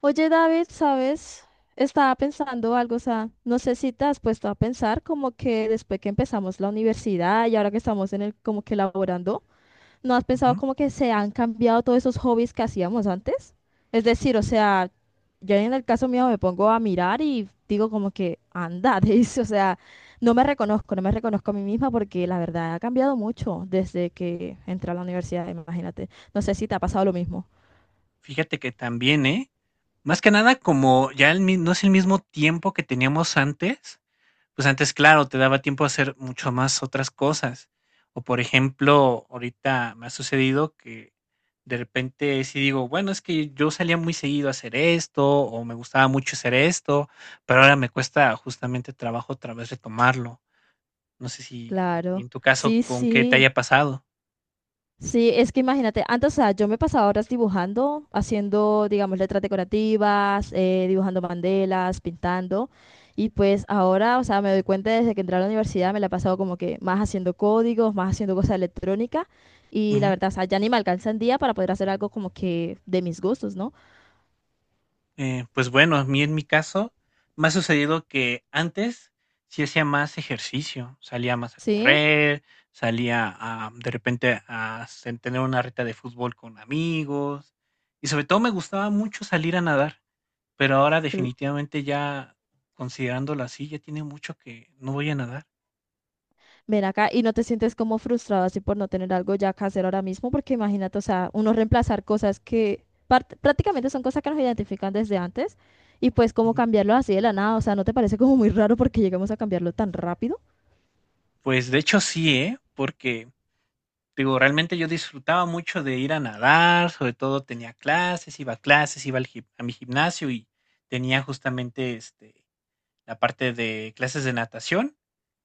Oye, David, ¿sabes? Estaba pensando algo, o sea, no sé si te has puesto a pensar como que después que empezamos la universidad y ahora que estamos en el como que laborando, ¿no has pensado Ujú. como que se han cambiado todos esos hobbies que hacíamos antes? Es decir, o sea, yo en el caso mío me pongo a mirar y digo como que anda, dice, o sea, no me reconozco, no me reconozco a mí misma porque la verdad ha cambiado mucho desde que entré a la universidad, imagínate. No sé si te ha pasado lo mismo. Fíjate que también, ¿eh? Más que nada, como ya el mi no es el mismo tiempo que teníamos antes, pues antes, claro, te daba tiempo a hacer mucho más otras cosas. O, por ejemplo, ahorita me ha sucedido que de repente sí digo, bueno, es que yo salía muy seguido a hacer esto, o me gustaba mucho hacer esto, pero ahora me cuesta justamente trabajo otra vez retomarlo. No sé si a ti Claro, en tu caso sí, con qué te sí. haya pasado. Sí, es que imagínate, antes, o sea, yo me pasaba horas dibujando, haciendo, digamos, letras decorativas, dibujando bandelas, pintando, y pues ahora, o sea, me doy cuenta desde que entré a la universidad, me la he pasado como que más haciendo códigos, más haciendo cosas electrónicas, y la verdad, o sea, ya ni me alcanza el día para poder hacer algo como que de mis gustos, ¿no? Pues bueno, a mí en mi caso me ha sucedido que antes sí hacía más ejercicio, salía más a Sí, correr, salía a, de repente a tener una reta de fútbol con amigos y sobre todo me gustaba mucho salir a nadar, pero ahora definitivamente ya considerándolo así, ya tiene mucho que no voy a nadar. ven acá y no te sientes como frustrado así por no tener algo ya que hacer ahora mismo, porque imagínate, o sea, uno reemplazar cosas que prácticamente son cosas que nos identifican desde antes y pues como Ujú. cambiarlo así de la nada, o sea, ¿no te parece como muy raro porque llegamos a cambiarlo tan rápido? Pues de hecho sí, ¿eh? Porque digo, realmente yo disfrutaba mucho de ir a nadar, sobre todo tenía clases, iba a clases, iba al a mi gimnasio y tenía justamente este, la parte de clases de natación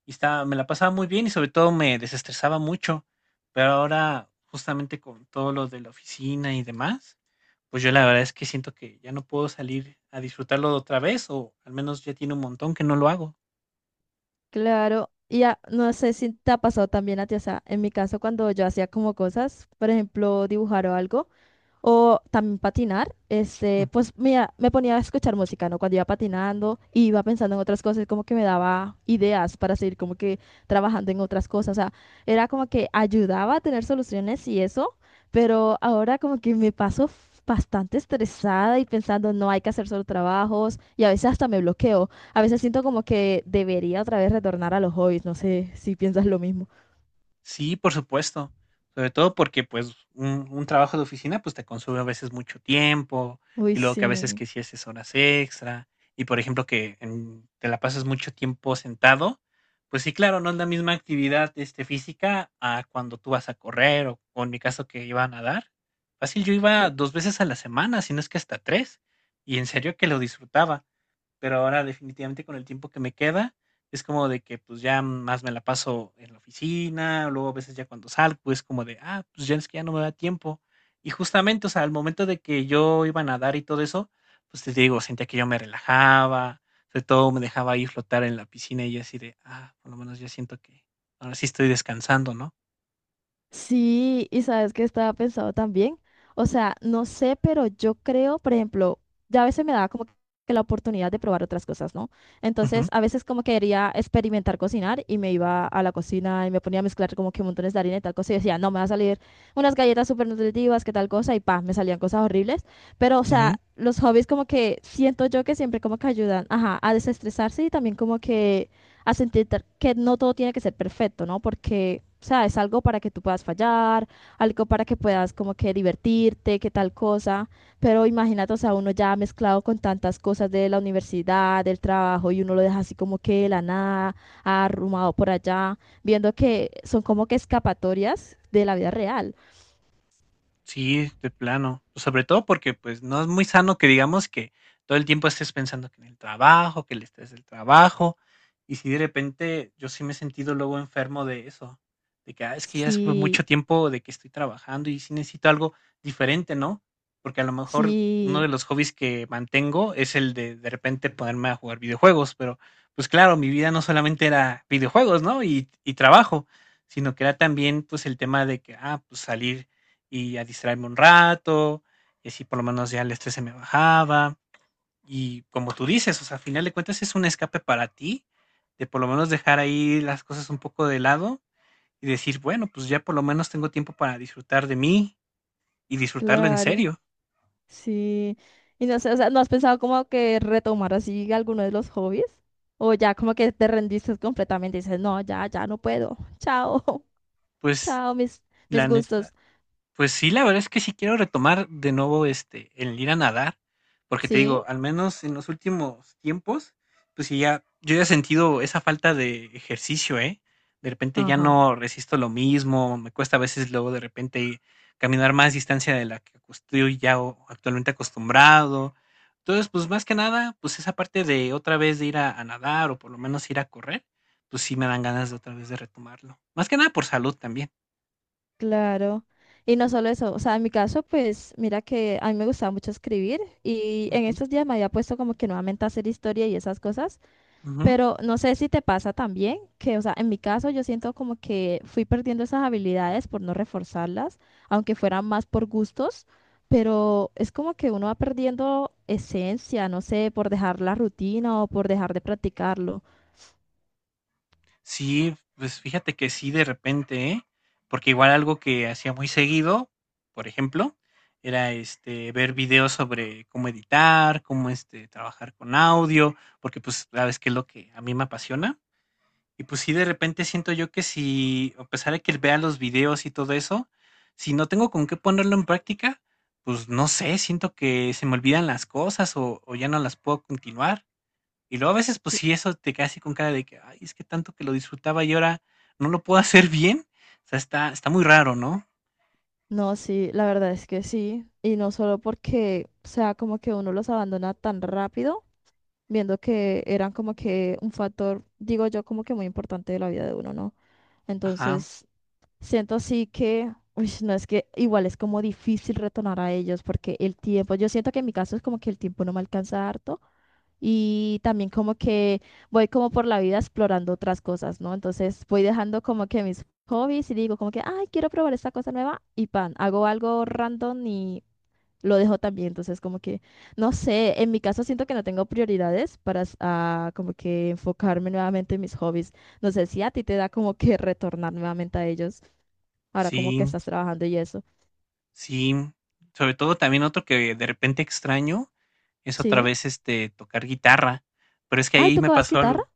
y estaba, me la pasaba muy bien y sobre todo me desestresaba mucho. Pero ahora, justamente con todo lo de la oficina y demás, pues yo la verdad es que siento que ya no puedo salir a disfrutarlo otra vez o al menos ya tiene un montón que no lo hago. Claro, y ya, no sé si te ha pasado también a ti, o sea, en mi caso cuando yo hacía como cosas, por ejemplo, dibujar o algo. O también patinar, este, pues mira, me ponía a escuchar música, ¿no? Cuando iba patinando, y iba pensando en otras cosas, como que me daba ideas para seguir como que trabajando en otras cosas, o sea, era como que ayudaba a tener soluciones y eso, pero ahora como que me paso bastante estresada y pensando, no hay que hacer solo trabajos y a veces hasta me bloqueo, a veces siento como que debería otra vez retornar a los hobbies, no sé si piensas lo mismo. Sí, por supuesto. Sobre todo porque, pues, un trabajo de oficina, pues, te consume a veces mucho tiempo Uy, y luego que a veces sí. que si haces horas extra y, por ejemplo, que te la pasas mucho tiempo sentado, pues sí, claro, no es la misma actividad, este, física a cuando tú vas a correr o en mi caso que iba a nadar. Fácil, yo iba dos veces a la semana, si no es que hasta tres, y en serio que lo disfrutaba. Pero ahora definitivamente con el tiempo que me queda, es como de que, pues, ya más me la paso en la oficina, luego a veces ya cuando salgo es como de, ah, pues, ya es que ya no me da tiempo. Y justamente, o sea, al momento de que yo iba a nadar y todo eso, pues, te digo, sentía que yo me relajaba, sobre todo me dejaba ahí flotar en la piscina y yo así de, ah, por lo menos ya siento que ahora sí estoy descansando, ¿no? Sí, y sabes que estaba pensado también. O sea, no sé, pero yo creo, por ejemplo, ya a veces me daba como que la oportunidad de probar otras cosas, ¿no? Entonces, Ujú, a veces como quería experimentar cocinar y me iba a la cocina y me ponía a mezclar como que montones de harina y tal cosa y decía, no, me va a salir unas galletas súper nutritivas, que tal cosa, y pa, me salían cosas horribles. Pero, o ujú. sea, los hobbies como que siento yo que siempre como que ayudan, ajá, a desestresarse y también como que a sentir que no todo tiene que ser perfecto, ¿no? Porque, o sea, es algo para que tú puedas fallar, algo para que puedas como que divertirte, que tal cosa, pero imagínate, o sea, uno ya mezclado con tantas cosas de la universidad, del trabajo, y uno lo deja así como que de la nada, arrumado por allá, viendo que son como que escapatorias de la vida real. Sí, de plano. Pues sobre todo porque pues no es muy sano que digamos que todo el tiempo estés pensando que en el trabajo, que el estrés del trabajo, y si de repente yo sí me he sentido luego enfermo de eso, de que "Ah, es que ya es Sí, mucho tiempo de que estoy trabajando y sí necesito algo diferente, ¿no? Porque a lo mejor uno de sí, los hobbies que mantengo es el de repente ponerme a jugar videojuegos, pero pues claro, mi vida no solamente era videojuegos, ¿no? Y trabajo, sino que era también pues el tema de que, ah, pues salir y a distraerme un rato, y así por lo menos ya el estrés se me bajaba. Y como tú dices, o sea, al final de cuentas es un escape para ti, de por lo menos dejar ahí las cosas un poco de lado y decir, bueno, pues ya por lo menos tengo tiempo para disfrutar de mí y disfrutarlo en claro. serio. Sí, y no sé, o sea, ¿no has pensado como que retomar así alguno de los hobbies? O ya como que te rendiste completamente y dices, no, ya, ya no puedo. Chao, Pues chao, mis, mis la neta, gustos. pues sí, la verdad es que sí quiero retomar de nuevo, este, el ir a nadar, porque te Sí, digo, al menos en los últimos tiempos, pues sí ya yo ya he sentido esa falta de ejercicio, ¿eh? De repente ya ajá, no resisto lo mismo, me cuesta a veces luego de repente caminar más distancia de la que estoy ya actualmente acostumbrado. Entonces, pues más que nada, pues esa parte de otra vez de ir a nadar o por lo menos ir a correr, pues sí me dan ganas de otra vez de retomarlo. Más que nada por salud también. claro. Y no solo eso, o sea, en mi caso, pues mira que a mí me gustaba mucho escribir y en Ujú, estos días me había puesto como que nuevamente a hacer historia y esas cosas. ujú. Pero no sé si te pasa también, que, o sea, en mi caso yo siento como que fui perdiendo esas habilidades por no reforzarlas, aunque fueran más por gustos, pero es como que uno va perdiendo esencia, no sé, por dejar la rutina o por dejar de practicarlo. Sí, pues fíjate que sí, de repente, ¿eh? Porque igual algo que hacía muy seguido, por ejemplo, era este ver videos sobre cómo editar, cómo este trabajar con audio, porque pues sabes que es lo que a mí me apasiona. Y pues sí, de repente siento yo que si, a pesar de que vea los videos y todo eso, si no tengo con qué ponerlo en práctica, pues no sé, siento que se me olvidan las cosas o ya no las puedo continuar. Y luego a veces, pues sí, eso te queda así con cara de que, ay, es que tanto que lo disfrutaba y ahora no lo puedo hacer bien. O sea, está muy raro, ¿no? No, sí, la verdad es que sí. Y no solo porque, o sea, como que uno los abandona tan rápido, viendo que eran como que un factor, digo yo, como que muy importante de la vida de uno, ¿no? Ajá, Entonces, siento así que, uy, no es que igual es como difícil retornar a ellos porque el tiempo, yo siento que en mi caso es como que el tiempo no me alcanza harto y también como que voy como por la vida explorando otras cosas, ¿no? Entonces voy dejando como que mis hobbies y digo como que, ay, quiero probar esta cosa nueva y pan, hago algo random y lo dejo también. Entonces como que, no sé, en mi caso siento que no tengo prioridades para ah, como que enfocarme nuevamente en mis hobbies. No sé si a ti te da como que retornar nuevamente a ellos. Ahora como que sí, estás trabajando y eso. sí. Sobre todo también otro que de repente extraño es otra Sí. vez este tocar guitarra. Pero es que Ay, ahí me ¿tocabas pasó guitarra? algo.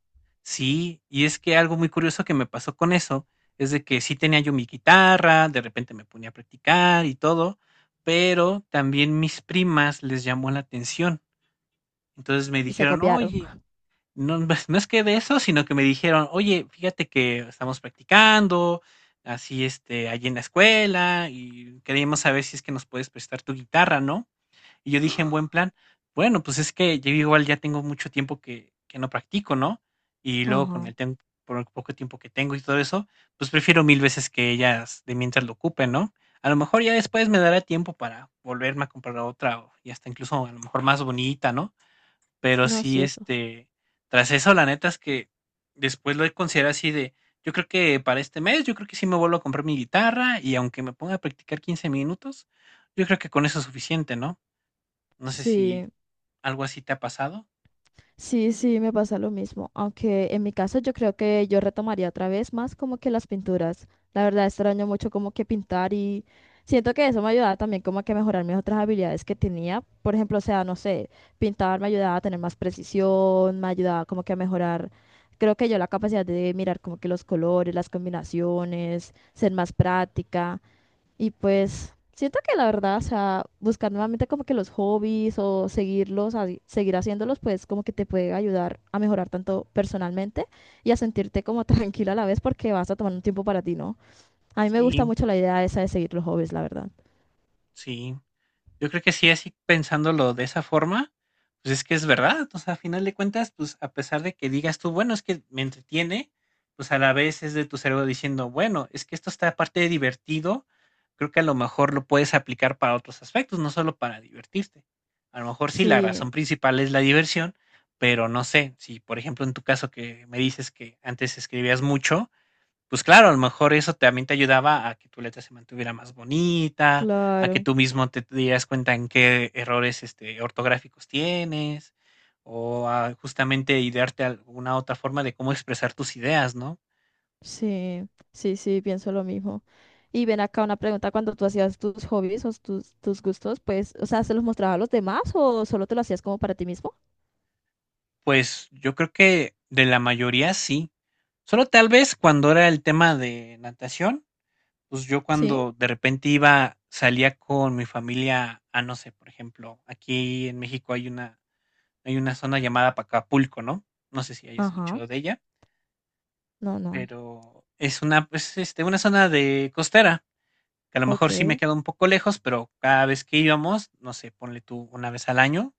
Sí, y es que algo muy curioso que me pasó con eso es de que sí tenía yo mi guitarra, de repente me ponía a practicar y todo, pero también mis primas les llamó la atención. Entonces me Y se dijeron, copiaron. oye, no, pues, no es que de eso, sino que me dijeron, oye, fíjate que estamos practicando, así, este, allí en la escuela, y queríamos saber si es que nos puedes prestar tu guitarra, ¿no? Y yo dije en buen plan, bueno, pues es que yo igual ya tengo mucho tiempo que no practico, ¿no? Y luego con Ajá. el tiempo, por el poco tiempo que tengo y todo eso, pues prefiero mil veces que ellas de mientras lo ocupen, ¿no? A lo mejor ya después me dará tiempo para volverme a comprar otra, y hasta incluso a lo mejor más bonita, ¿no? Pero No, sí, sí, eso. este, tras eso, la neta es que después lo he considerado así de, yo creo que para este mes, yo creo que sí me vuelvo a comprar mi guitarra y aunque me ponga a practicar 15 minutos, yo creo que con eso es suficiente, ¿no? No sé si Sí. algo así te ha pasado. Sí, me pasa lo mismo. Aunque en mi caso yo creo que yo retomaría otra vez más como que las pinturas. La verdad extraño mucho como que pintar y siento que eso me ayudaba también como a que mejorar mis otras habilidades que tenía. Por ejemplo, o sea, no sé, pintar me ayudaba a tener más precisión, me ayudaba como que a mejorar, creo que yo la capacidad de mirar como que los colores, las combinaciones, ser más práctica. Y pues siento que la verdad, o sea, buscar nuevamente como que los hobbies o seguirlos, seguir haciéndolos, pues como que te puede ayudar a mejorar tanto personalmente y a sentirte como tranquila a la vez porque vas a tomar un tiempo para ti, ¿no? A mí me gusta Sí, mucho la idea esa de seguir los hobbies, la verdad. sí. Yo creo que sí, así pensándolo de esa forma, pues es que es verdad, o sea, a final de cuentas, pues a pesar de que digas tú, bueno, es que me entretiene, pues a la vez es de tu cerebro diciendo, bueno, es que esto está aparte de divertido, creo que a lo mejor lo puedes aplicar para otros aspectos, no solo para divertirte. A lo mejor sí, la Sí, razón principal es la diversión, pero no sé, si por ejemplo en tu caso que me dices que antes escribías mucho, pues claro, a lo mejor eso también te ayudaba a que tu letra se mantuviera más bonita, a que claro, tú mismo te dieras cuenta en qué errores, este, ortográficos tienes, o a justamente idearte alguna otra forma de cómo expresar tus ideas, ¿no? sí, sí, pienso lo mismo. Y ven acá una pregunta, cuando tú hacías tus hobbies o tus, tus gustos, pues, o sea, ¿se los mostrabas a los demás o solo te lo hacías como para ti mismo? Pues yo creo que de la mayoría sí. Solo tal vez cuando era el tema de natación, pues yo Sí. cuando de repente iba, salía con mi familia a, no sé, por ejemplo, aquí en México hay una zona llamada Pacapulco, ¿no? No sé si hayas Ajá, escuchado de ella, no, pero es una, pues, este, una zona de costera, que a lo mejor sí me ok. queda un poco lejos, pero cada vez que íbamos, no sé, ponle tú una vez al año,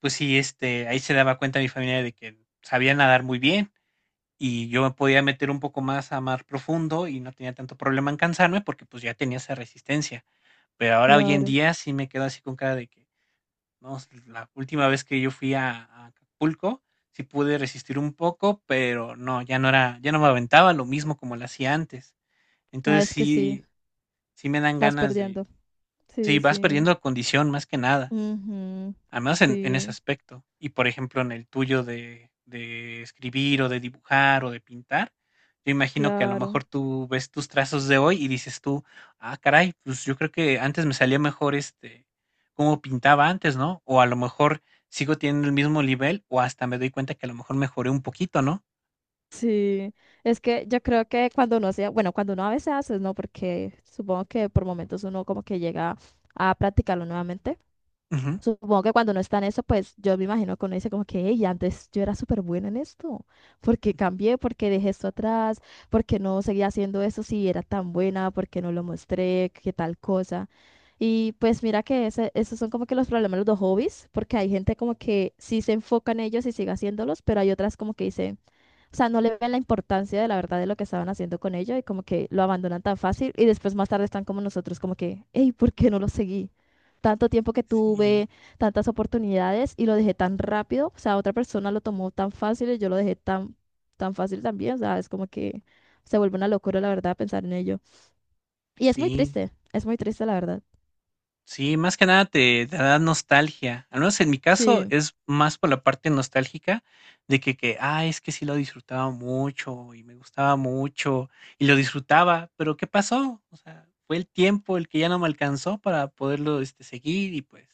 pues sí, este, ahí se daba cuenta mi familia de que sabía nadar muy bien y yo me podía meter un poco más a mar profundo y no tenía tanto problema en cansarme porque pues ya tenía esa resistencia. Pero ahora hoy en Claro. día sí me quedo así con cara de que no, la última vez que yo fui a Acapulco, sí pude resistir un poco, pero no, ya no era ya no me aventaba lo mismo como lo hacía antes. Ah, Entonces es que sí, sí sí me dan vas ganas de perdiendo. sí, Sí, vas sí. perdiendo condición más que nada. Ujú. Al menos en ese Sí, aspecto. Y, por ejemplo, en el tuyo de escribir, o de dibujar, o de pintar, yo imagino que a lo claro. mejor tú ves tus trazos de hoy y dices tú: "Ah, caray, pues yo creo que antes me salía mejor, este, cómo pintaba antes, ¿no?". O a lo mejor sigo teniendo el mismo nivel, o hasta me doy cuenta que a lo mejor mejoré un poquito, ¿no? Sí. Es que yo creo que cuando uno sea, bueno, cuando uno a veces hace, ¿no? Porque supongo que por momentos uno como que llega a practicarlo nuevamente. Ujú. Supongo que cuando uno está en eso, pues yo me imagino que uno dice como que, hey, antes yo era súper buena en esto, porque cambié, porque dejé esto atrás, porque no seguía haciendo eso si era tan buena, porque no lo mostré, qué tal cosa. Y pues mira que esos son como que los problemas de los hobbies, porque hay gente como que sí se enfoca en ellos y sigue haciéndolos, pero hay otras como que dicen... O sea, no le ven la importancia de la verdad de lo que estaban haciendo con ella y como que lo abandonan tan fácil y después más tarde están como nosotros, como que, hey, ¿por qué no lo seguí? Tanto tiempo que Sí, tuve, tantas oportunidades y lo dejé tan rápido, o sea, otra persona lo tomó tan fácil y yo lo dejé tan, tan fácil también, o sea, es como que se vuelve una locura, la verdad, pensar en ello. Y sí. Es muy triste, la verdad. Sí, más que nada te, te da nostalgia. Al menos en mi caso Sí, es más por la parte nostálgica de que, ah, es que sí lo disfrutaba mucho y me gustaba mucho y lo disfrutaba, pero ¿qué pasó? O sea, fue el tiempo el que ya no me alcanzó para poderlo este, seguir y pues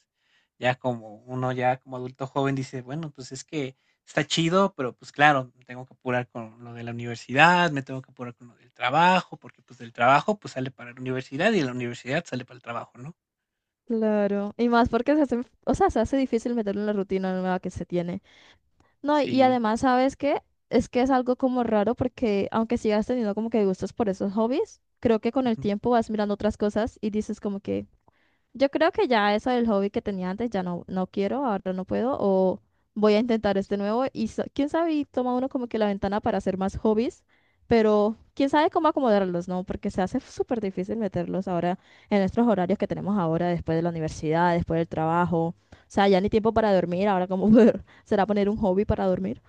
ya como uno ya como adulto joven dice, bueno, pues es que está chido, pero pues claro, me tengo que apurar con lo de la universidad, me tengo que apurar con lo del trabajo, porque pues del trabajo pues sale para la universidad y de la universidad sale para el trabajo, ¿no? claro. Y más porque se hace, o sea, se hace difícil meterlo en la rutina nueva que se tiene. No, y Sí, además, ¿sabes qué? Es que es algo como raro porque aunque sigas teniendo como que gustos por esos hobbies, creo que con el ujú, tiempo vas mirando otras cosas y dices como que yo creo que ya eso del hobby que tenía antes ya no, no quiero, ahora no puedo, o voy a intentar este nuevo y quién sabe, y toma uno como que la ventana para hacer más hobbies, pero quién sabe cómo acomodarlos, ¿no? Porque se hace súper difícil meterlos ahora en nuestros horarios que tenemos ahora, después de la universidad, después del trabajo, o sea, ya ni tiempo para dormir, ahora cómo será poner un hobby para dormir,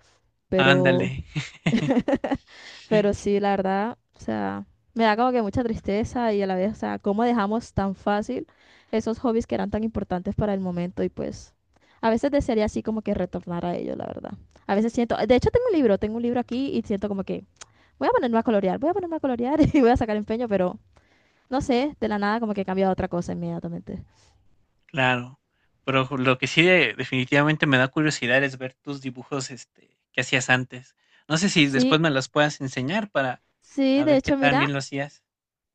pero... ándale. Pero sí, la verdad, o sea, me da como que mucha tristeza y a la vez, o sea, cómo dejamos tan fácil esos hobbies que eran tan importantes para el momento y pues a veces desearía así como que retornar a ellos, la verdad. A veces siento, de hecho tengo un libro aquí y siento como que voy a ponerme a colorear, voy a ponerme a colorear y voy a sacar empeño, pero no sé, de la nada como que cambia a otra cosa inmediatamente. Claro, pero ju lo que sí de definitivamente me da curiosidad es ver tus dibujos, este, que hacías antes. No sé si después Sí, me los puedas enseñar para sí, a de ver qué hecho, tan bien mira, lo hacías.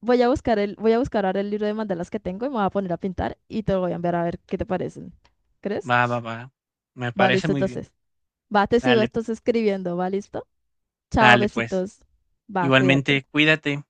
voy a buscar el, voy a buscar ahora el libro de mandalas que tengo y me voy a poner a pintar y te lo voy a enviar a ver qué te parecen. ¿Crees? Va, va, va. Me Va, parece listo, muy bien. entonces. Va, te sigo, Sale, estás escribiendo, va, listo. Chao, sale, pues. besitos. Va, cuídate. Igualmente, cuídate.